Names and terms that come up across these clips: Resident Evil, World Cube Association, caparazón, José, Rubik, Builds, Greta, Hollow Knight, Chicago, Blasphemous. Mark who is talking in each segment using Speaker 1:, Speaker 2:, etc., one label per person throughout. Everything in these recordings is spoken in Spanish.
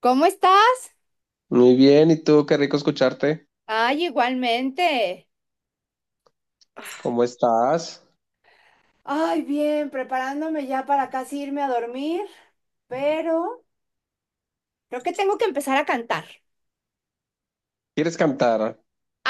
Speaker 1: ¿Cómo estás?
Speaker 2: Muy bien, ¿y tú? Qué rico escucharte.
Speaker 1: Ay, igualmente.
Speaker 2: ¿Cómo estás?
Speaker 1: Ay, bien, preparándome ya para casi irme a dormir, pero creo que tengo que empezar a cantar.
Speaker 2: ¿Quieres cantar?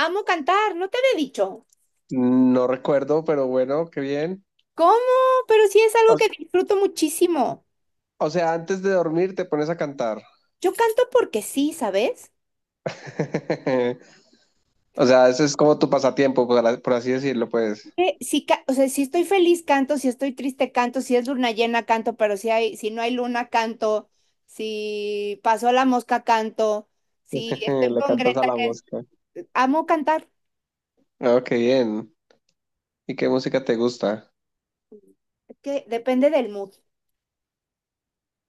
Speaker 1: Amo cantar, no te había dicho.
Speaker 2: No recuerdo, pero bueno, qué bien.
Speaker 1: ¿Cómo? Pero sí es
Speaker 2: O,
Speaker 1: algo que disfruto muchísimo.
Speaker 2: o sea, antes de dormir te pones a cantar.
Speaker 1: Yo canto porque sí, ¿sabes?
Speaker 2: O sea, eso es como tu pasatiempo, por así decirlo, pues.
Speaker 1: Que sí, o sea, si estoy feliz canto, si estoy triste canto, si es luna llena canto, pero si no hay luna canto, si pasó la mosca canto, si estoy
Speaker 2: Le
Speaker 1: con
Speaker 2: cantas a
Speaker 1: Greta,
Speaker 2: la
Speaker 1: que
Speaker 2: mosca.
Speaker 1: amo cantar.
Speaker 2: Oh, qué bien. ¿Y qué música te gusta?
Speaker 1: Es que depende del mood.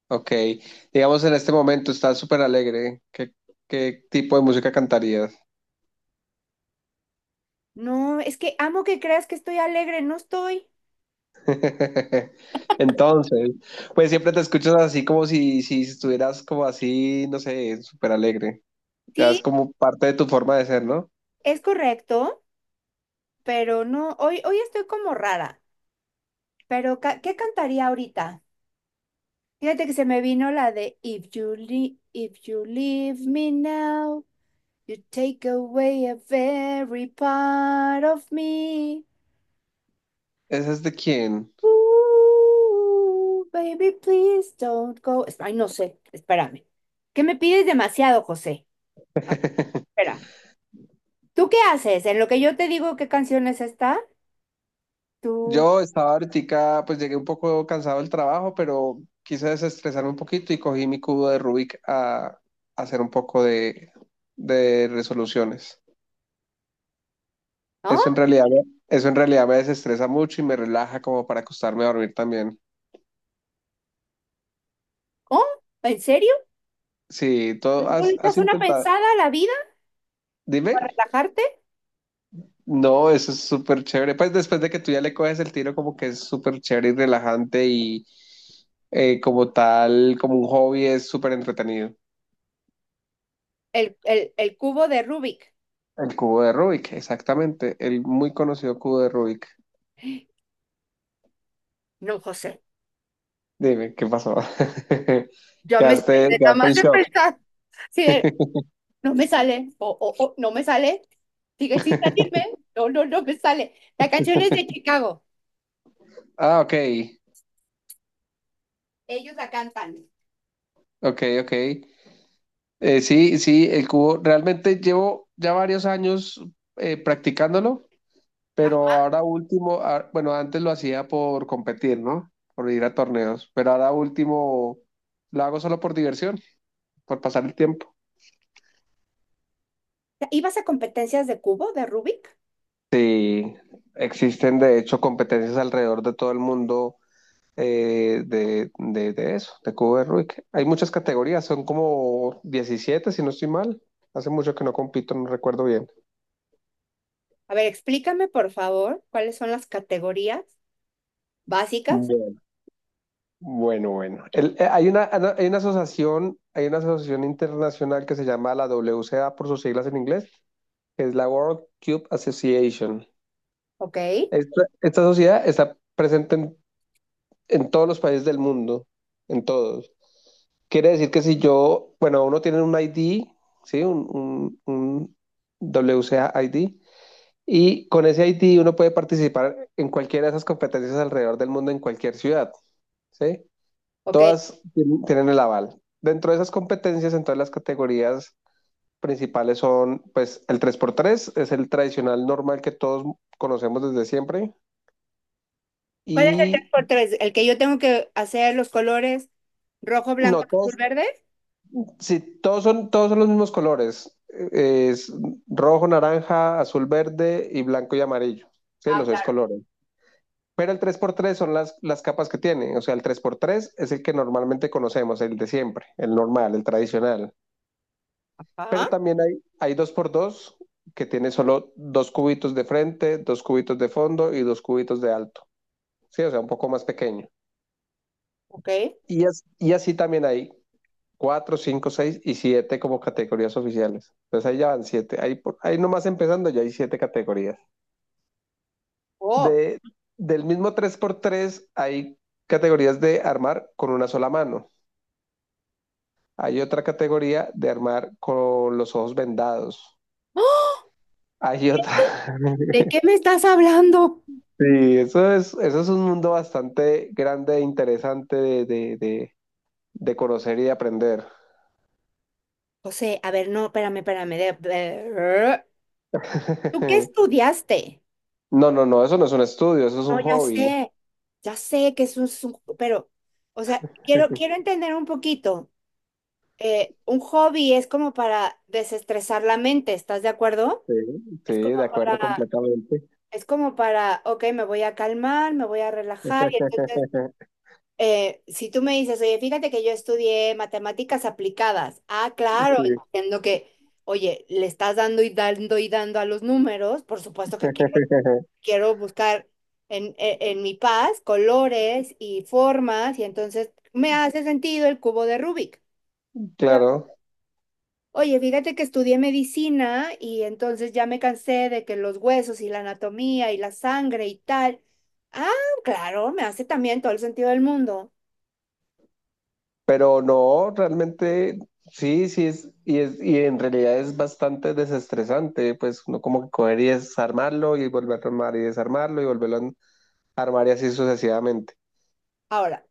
Speaker 2: Ok. Digamos, en este momento estás súper alegre. ¿Qué tipo de música cantarías?
Speaker 1: No, es que amo que creas que estoy alegre, no estoy.
Speaker 2: Entonces, pues siempre te escuchas así como si estuvieras como así, no sé, súper alegre. Ya es
Speaker 1: Sí,
Speaker 2: como parte de tu forma de ser, ¿no?
Speaker 1: es correcto, pero no, hoy, hoy estoy como rara. Pero, ¿qué cantaría ahorita? Fíjate que se me vino la de If you leave, if you leave me now, you take away a very part of me.
Speaker 2: ¿Esa es de quién?
Speaker 1: Ooh, baby, please don't go. Ay, no sé, espérame. ¿Qué me pides demasiado, José? A ver, espera. ¿Tú qué haces? En lo que yo te digo qué canciones está, tú...
Speaker 2: Yo estaba ahorita, pues llegué un poco cansado del trabajo, pero quise desestresarme un poquito y cogí mi cubo de Rubik a hacer un poco de resoluciones.
Speaker 1: ¿Ah?
Speaker 2: Eso en realidad, me desestresa mucho y me relaja como para acostarme a dormir también.
Speaker 1: ¿Oh? ¿En serio?
Speaker 2: Sí, todo
Speaker 1: ¿Tú le
Speaker 2: has
Speaker 1: echas una
Speaker 2: intentado.
Speaker 1: pensada a la vida
Speaker 2: Dime.
Speaker 1: para relajarte?
Speaker 2: No, eso es súper chévere. Pues después de que tú ya le coges el tiro, como que es súper chévere y relajante y como tal, como un hobby es súper entretenido.
Speaker 1: El cubo de Rubik.
Speaker 2: El cubo de Rubik, exactamente. El muy conocido cubo de Rubik.
Speaker 1: No, José,
Speaker 2: Dime, ¿qué pasó?
Speaker 1: ya me
Speaker 2: Quedaste,
Speaker 1: estresé nada
Speaker 2: quedaste
Speaker 1: más
Speaker 2: en
Speaker 1: de
Speaker 2: shock.
Speaker 1: pensar. Sí, no me sale. O, no me sale. Sigue sin salirme. No, no, no me sale. La canción es de Chicago.
Speaker 2: Ah, ok,
Speaker 1: Ellos la cantan.
Speaker 2: ok, ok. Sí, sí, el cubo. Realmente llevo ya varios años practicándolo.
Speaker 1: Ajá.
Speaker 2: Pero ahora último, bueno, antes lo hacía por competir, ¿no? Por ir a torneos, pero ahora último lo hago solo por diversión, por pasar el tiempo.
Speaker 1: ¿Ibas a competencias de cubo de Rubik?
Speaker 2: Sí, existen de hecho competencias alrededor de todo el mundo de eso, de cubo de Rubik. Hay muchas categorías, son como 17 si no estoy mal. Hace mucho que no compito, no recuerdo bien.
Speaker 1: A ver, explícame, por favor, cuáles son las categorías básicas.
Speaker 2: Bueno, bueno, bueno. Hay una asociación internacional que se llama la WCA por sus siglas en inglés, que es la World Cube Association.
Speaker 1: Ok,
Speaker 2: Esta sociedad está presente en todos los países del mundo, en todos. Quiere decir que si yo, bueno, uno tiene un ID, ¿sí? Un WCA ID, y con ese ID uno puede participar en cualquiera de esas competencias alrededor del mundo, en cualquier ciudad, ¿sí?
Speaker 1: ok.
Speaker 2: Todas tienen el aval. Dentro de esas competencias, en todas las categorías principales son, pues, el tres por tres es el tradicional normal que todos conocemos desde siempre.
Speaker 1: ¿Cuál es el tres
Speaker 2: Y
Speaker 1: por tres? ¿El que yo tengo que hacer los colores rojo, blanco,
Speaker 2: no,
Speaker 1: azul,
Speaker 2: todos,
Speaker 1: verde?
Speaker 2: sí, todos son los mismos colores. Es rojo, naranja, azul, verde y blanco y amarillo. Sí,
Speaker 1: Ah,
Speaker 2: los seis
Speaker 1: claro.
Speaker 2: colores. Pero el tres por tres son las capas que tiene. O sea, el tres por tres es el que normalmente conocemos, el de siempre, el normal, el tradicional. Pero
Speaker 1: Ajá,
Speaker 2: también hay dos por dos que tiene solo dos cubitos de frente, dos cubitos de fondo y dos cubitos de alto. Sí, o sea, un poco más pequeño.
Speaker 1: ok.
Speaker 2: Y así también hay cuatro, cinco, seis y siete como categorías oficiales. Entonces ahí ya van siete. Ahí, ahí nomás empezando ya hay siete categorías.
Speaker 1: Oh.
Speaker 2: De, del mismo tres por tres hay categorías de armar con una sola mano. Hay otra categoría de armar con los ojos vendados.
Speaker 1: ¡Ah!
Speaker 2: Hay otra.
Speaker 1: ¿De qué me estás hablando?
Speaker 2: Sí, eso es un mundo bastante grande e interesante de conocer y de aprender.
Speaker 1: José, a ver, no, espérame, espérame. ¿Tú qué estudiaste?
Speaker 2: No, no, no, eso no es un estudio, eso es
Speaker 1: No,
Speaker 2: un hobby.
Speaker 1: ya sé que es un, pero, o sea, quiero entender un poquito. Un hobby es como para desestresar la mente, ¿estás de acuerdo?
Speaker 2: Sí, sí,
Speaker 1: Es como
Speaker 2: de acuerdo
Speaker 1: para,
Speaker 2: completamente.
Speaker 1: es como para, ok, me voy a calmar, me voy a relajar y entonces eh, si tú me dices, oye, fíjate que yo estudié matemáticas aplicadas. Ah, claro,
Speaker 2: Sí,
Speaker 1: entiendo que, oye, le estás dando y dando y dando a los números. Por supuesto que quiero, quiero buscar en mi paz colores y formas, y entonces me hace sentido el cubo de Rubik. Claro.
Speaker 2: claro,
Speaker 1: Oye, fíjate que estudié medicina y entonces ya me cansé de que los huesos y la anatomía y la sangre y tal. Ah, claro, me hace también todo el sentido del mundo.
Speaker 2: pero no, realmente sí, sí es y en realidad es bastante desestresante, pues uno como que coger y desarmarlo y volver a armar y desarmarlo y volverlo a armar y así sucesivamente.
Speaker 1: Ahora,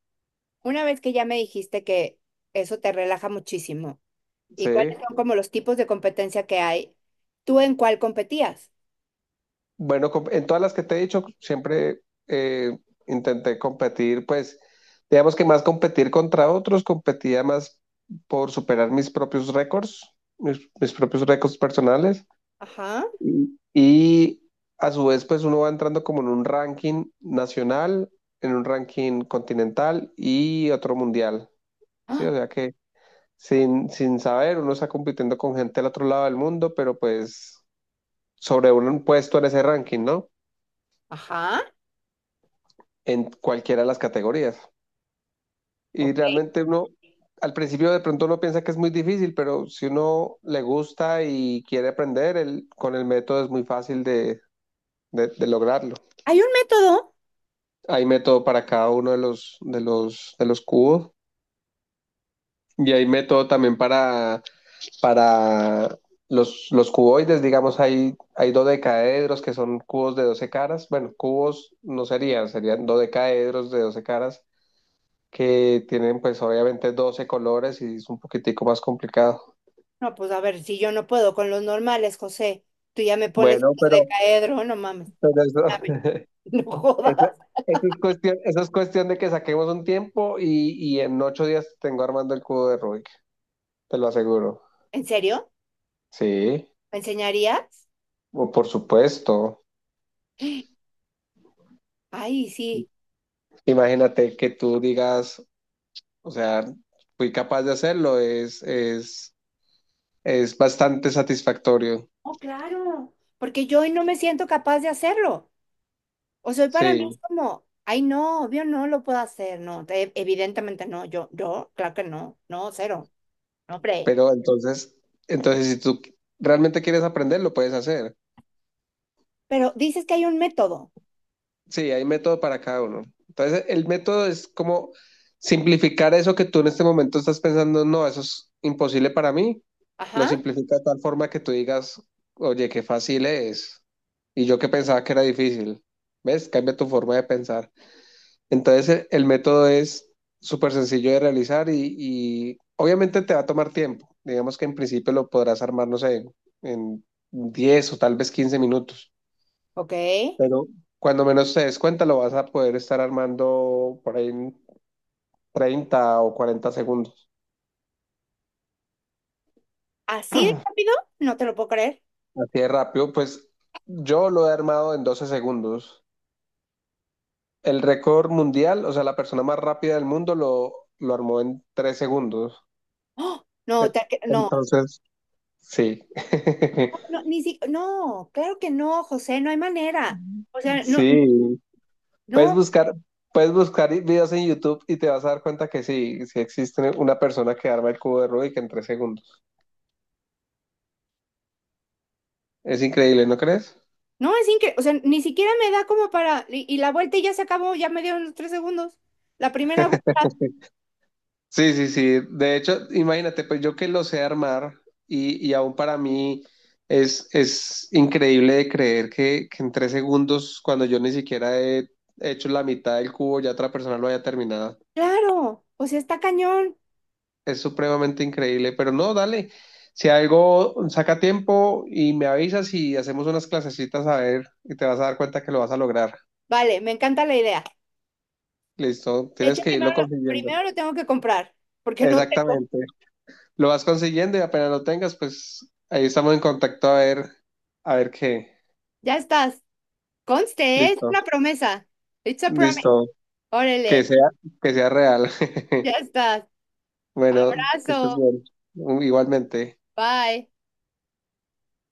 Speaker 1: una vez que ya me dijiste que eso te relaja muchísimo y
Speaker 2: Sí.
Speaker 1: cuáles son como los tipos de competencia que hay, ¿tú en cuál competías?
Speaker 2: Bueno, en todas las que te he dicho, siempre eh, intenté competir, pues, digamos que más competir contra otros, competía más por superar mis propios récords, mis propios récords personales.
Speaker 1: Ajá.
Speaker 2: Y a su vez, pues uno va entrando como en un ranking nacional, en un ranking continental y otro mundial, ¿sí?
Speaker 1: ¡Ah!
Speaker 2: O sea que sin saber, uno está compitiendo con gente del otro lado del mundo, pero pues sobre un puesto en ese ranking, ¿no?
Speaker 1: Ajá.
Speaker 2: En cualquiera de las categorías. Y
Speaker 1: Ok.
Speaker 2: realmente uno, al principio de pronto uno piensa que es muy difícil, pero si uno le gusta y quiere aprender, con el método es muy fácil de lograrlo.
Speaker 1: ¿Hay un método?
Speaker 2: Hay método para cada uno de los cubos y hay método también para los cuboides, digamos, hay dodecaedros que son cubos de 12 caras. Bueno, cubos no serían, serían dodecaedros de 12 caras que tienen pues obviamente 12 colores y es un poquitico más complicado.
Speaker 1: No, pues a ver, si yo no puedo con los normales, José, tú ya me pones
Speaker 2: Bueno,
Speaker 1: de
Speaker 2: pero,
Speaker 1: caedro, no mames.
Speaker 2: pero eso,
Speaker 1: Dame. No
Speaker 2: eso,
Speaker 1: jodas.
Speaker 2: eso es cuestión de que saquemos un tiempo y en 8 días tengo armando el cubo de Rubik, te lo aseguro.
Speaker 1: ¿En serio?
Speaker 2: Sí,
Speaker 1: ¿Me enseñarías?
Speaker 2: o por supuesto.
Speaker 1: Ay, sí.
Speaker 2: Imagínate que tú digas, o sea, fui capaz de hacerlo, es bastante satisfactorio.
Speaker 1: Oh, claro. Porque yo hoy no me siento capaz de hacerlo. O sea, para mí es
Speaker 2: Sí,
Speaker 1: como, ay, no, obvio no lo puedo hacer, no, evidentemente no, yo, claro que no, no, cero, no, hombre.
Speaker 2: pero entonces si tú realmente quieres aprender, lo puedes hacer.
Speaker 1: Pero dices que hay un método,
Speaker 2: Sí, hay método para cada uno. Entonces, el, método es como simplificar eso que tú en este momento estás pensando, no, eso es imposible para mí. Lo
Speaker 1: ajá,
Speaker 2: simplifica de tal forma que tú digas, oye, qué fácil es. Y yo que pensaba que era difícil. ¿Ves? Cambia tu forma de pensar. Entonces, el método es súper sencillo de realizar y obviamente te va a tomar tiempo. Digamos que en principio lo podrás armar, no sé, en 10 o tal vez 15 minutos,
Speaker 1: ok,
Speaker 2: pero cuando menos te des cuenta lo vas a poder estar armando por ahí en 30 o 40 segundos.
Speaker 1: así de rápido, no te lo puedo creer.
Speaker 2: Así de rápido, pues yo lo he armado en 12 segundos. El récord mundial, o sea, la persona más rápida del mundo lo armó en 3 segundos.
Speaker 1: ¡Oh!
Speaker 2: E-
Speaker 1: No, no,
Speaker 2: Entonces, sí.
Speaker 1: no, no, ni si, no, claro que no, José, no hay manera. O sea, no,
Speaker 2: Sí. Puedes
Speaker 1: no,
Speaker 2: buscar, puedes buscar videos en YouTube y te vas a dar cuenta que sí, sí existe una persona que arma el cubo de Rubik en 3 segundos. Es increíble, ¿no crees?
Speaker 1: no, es increíble, o sea, ni siquiera me da como para, y la vuelta y ya se acabó, ya me dieron los 3 segundos. La primera vuelta,
Speaker 2: Sí, sí, sí. De hecho, imagínate, pues yo que lo sé armar y aún para mí es increíble de creer que en 3 segundos, cuando yo ni siquiera he hecho la mitad del cubo, ya otra persona lo haya terminado.
Speaker 1: claro, o sea, está cañón.
Speaker 2: Es supremamente increíble, pero no, dale. Si algo saca tiempo y me avisas y hacemos unas clasecitas a ver y te vas a dar cuenta que lo vas a lograr.
Speaker 1: Vale, me encanta la idea.
Speaker 2: Listo,
Speaker 1: De hecho,
Speaker 2: tienes que
Speaker 1: primero,
Speaker 2: irlo consiguiendo.
Speaker 1: primero lo tengo que comprar, porque no tengo.
Speaker 2: Exactamente. Lo vas consiguiendo y apenas lo tengas, pues ahí estamos en contacto a ver qué.
Speaker 1: Ya estás. Conste, es
Speaker 2: Listo,
Speaker 1: una promesa. It's a promise.
Speaker 2: listo. Que
Speaker 1: Órale,
Speaker 2: sea, que sea real.
Speaker 1: ya estás.
Speaker 2: Bueno, que estés
Speaker 1: Abrazo.
Speaker 2: bien. Igualmente.
Speaker 1: Bye.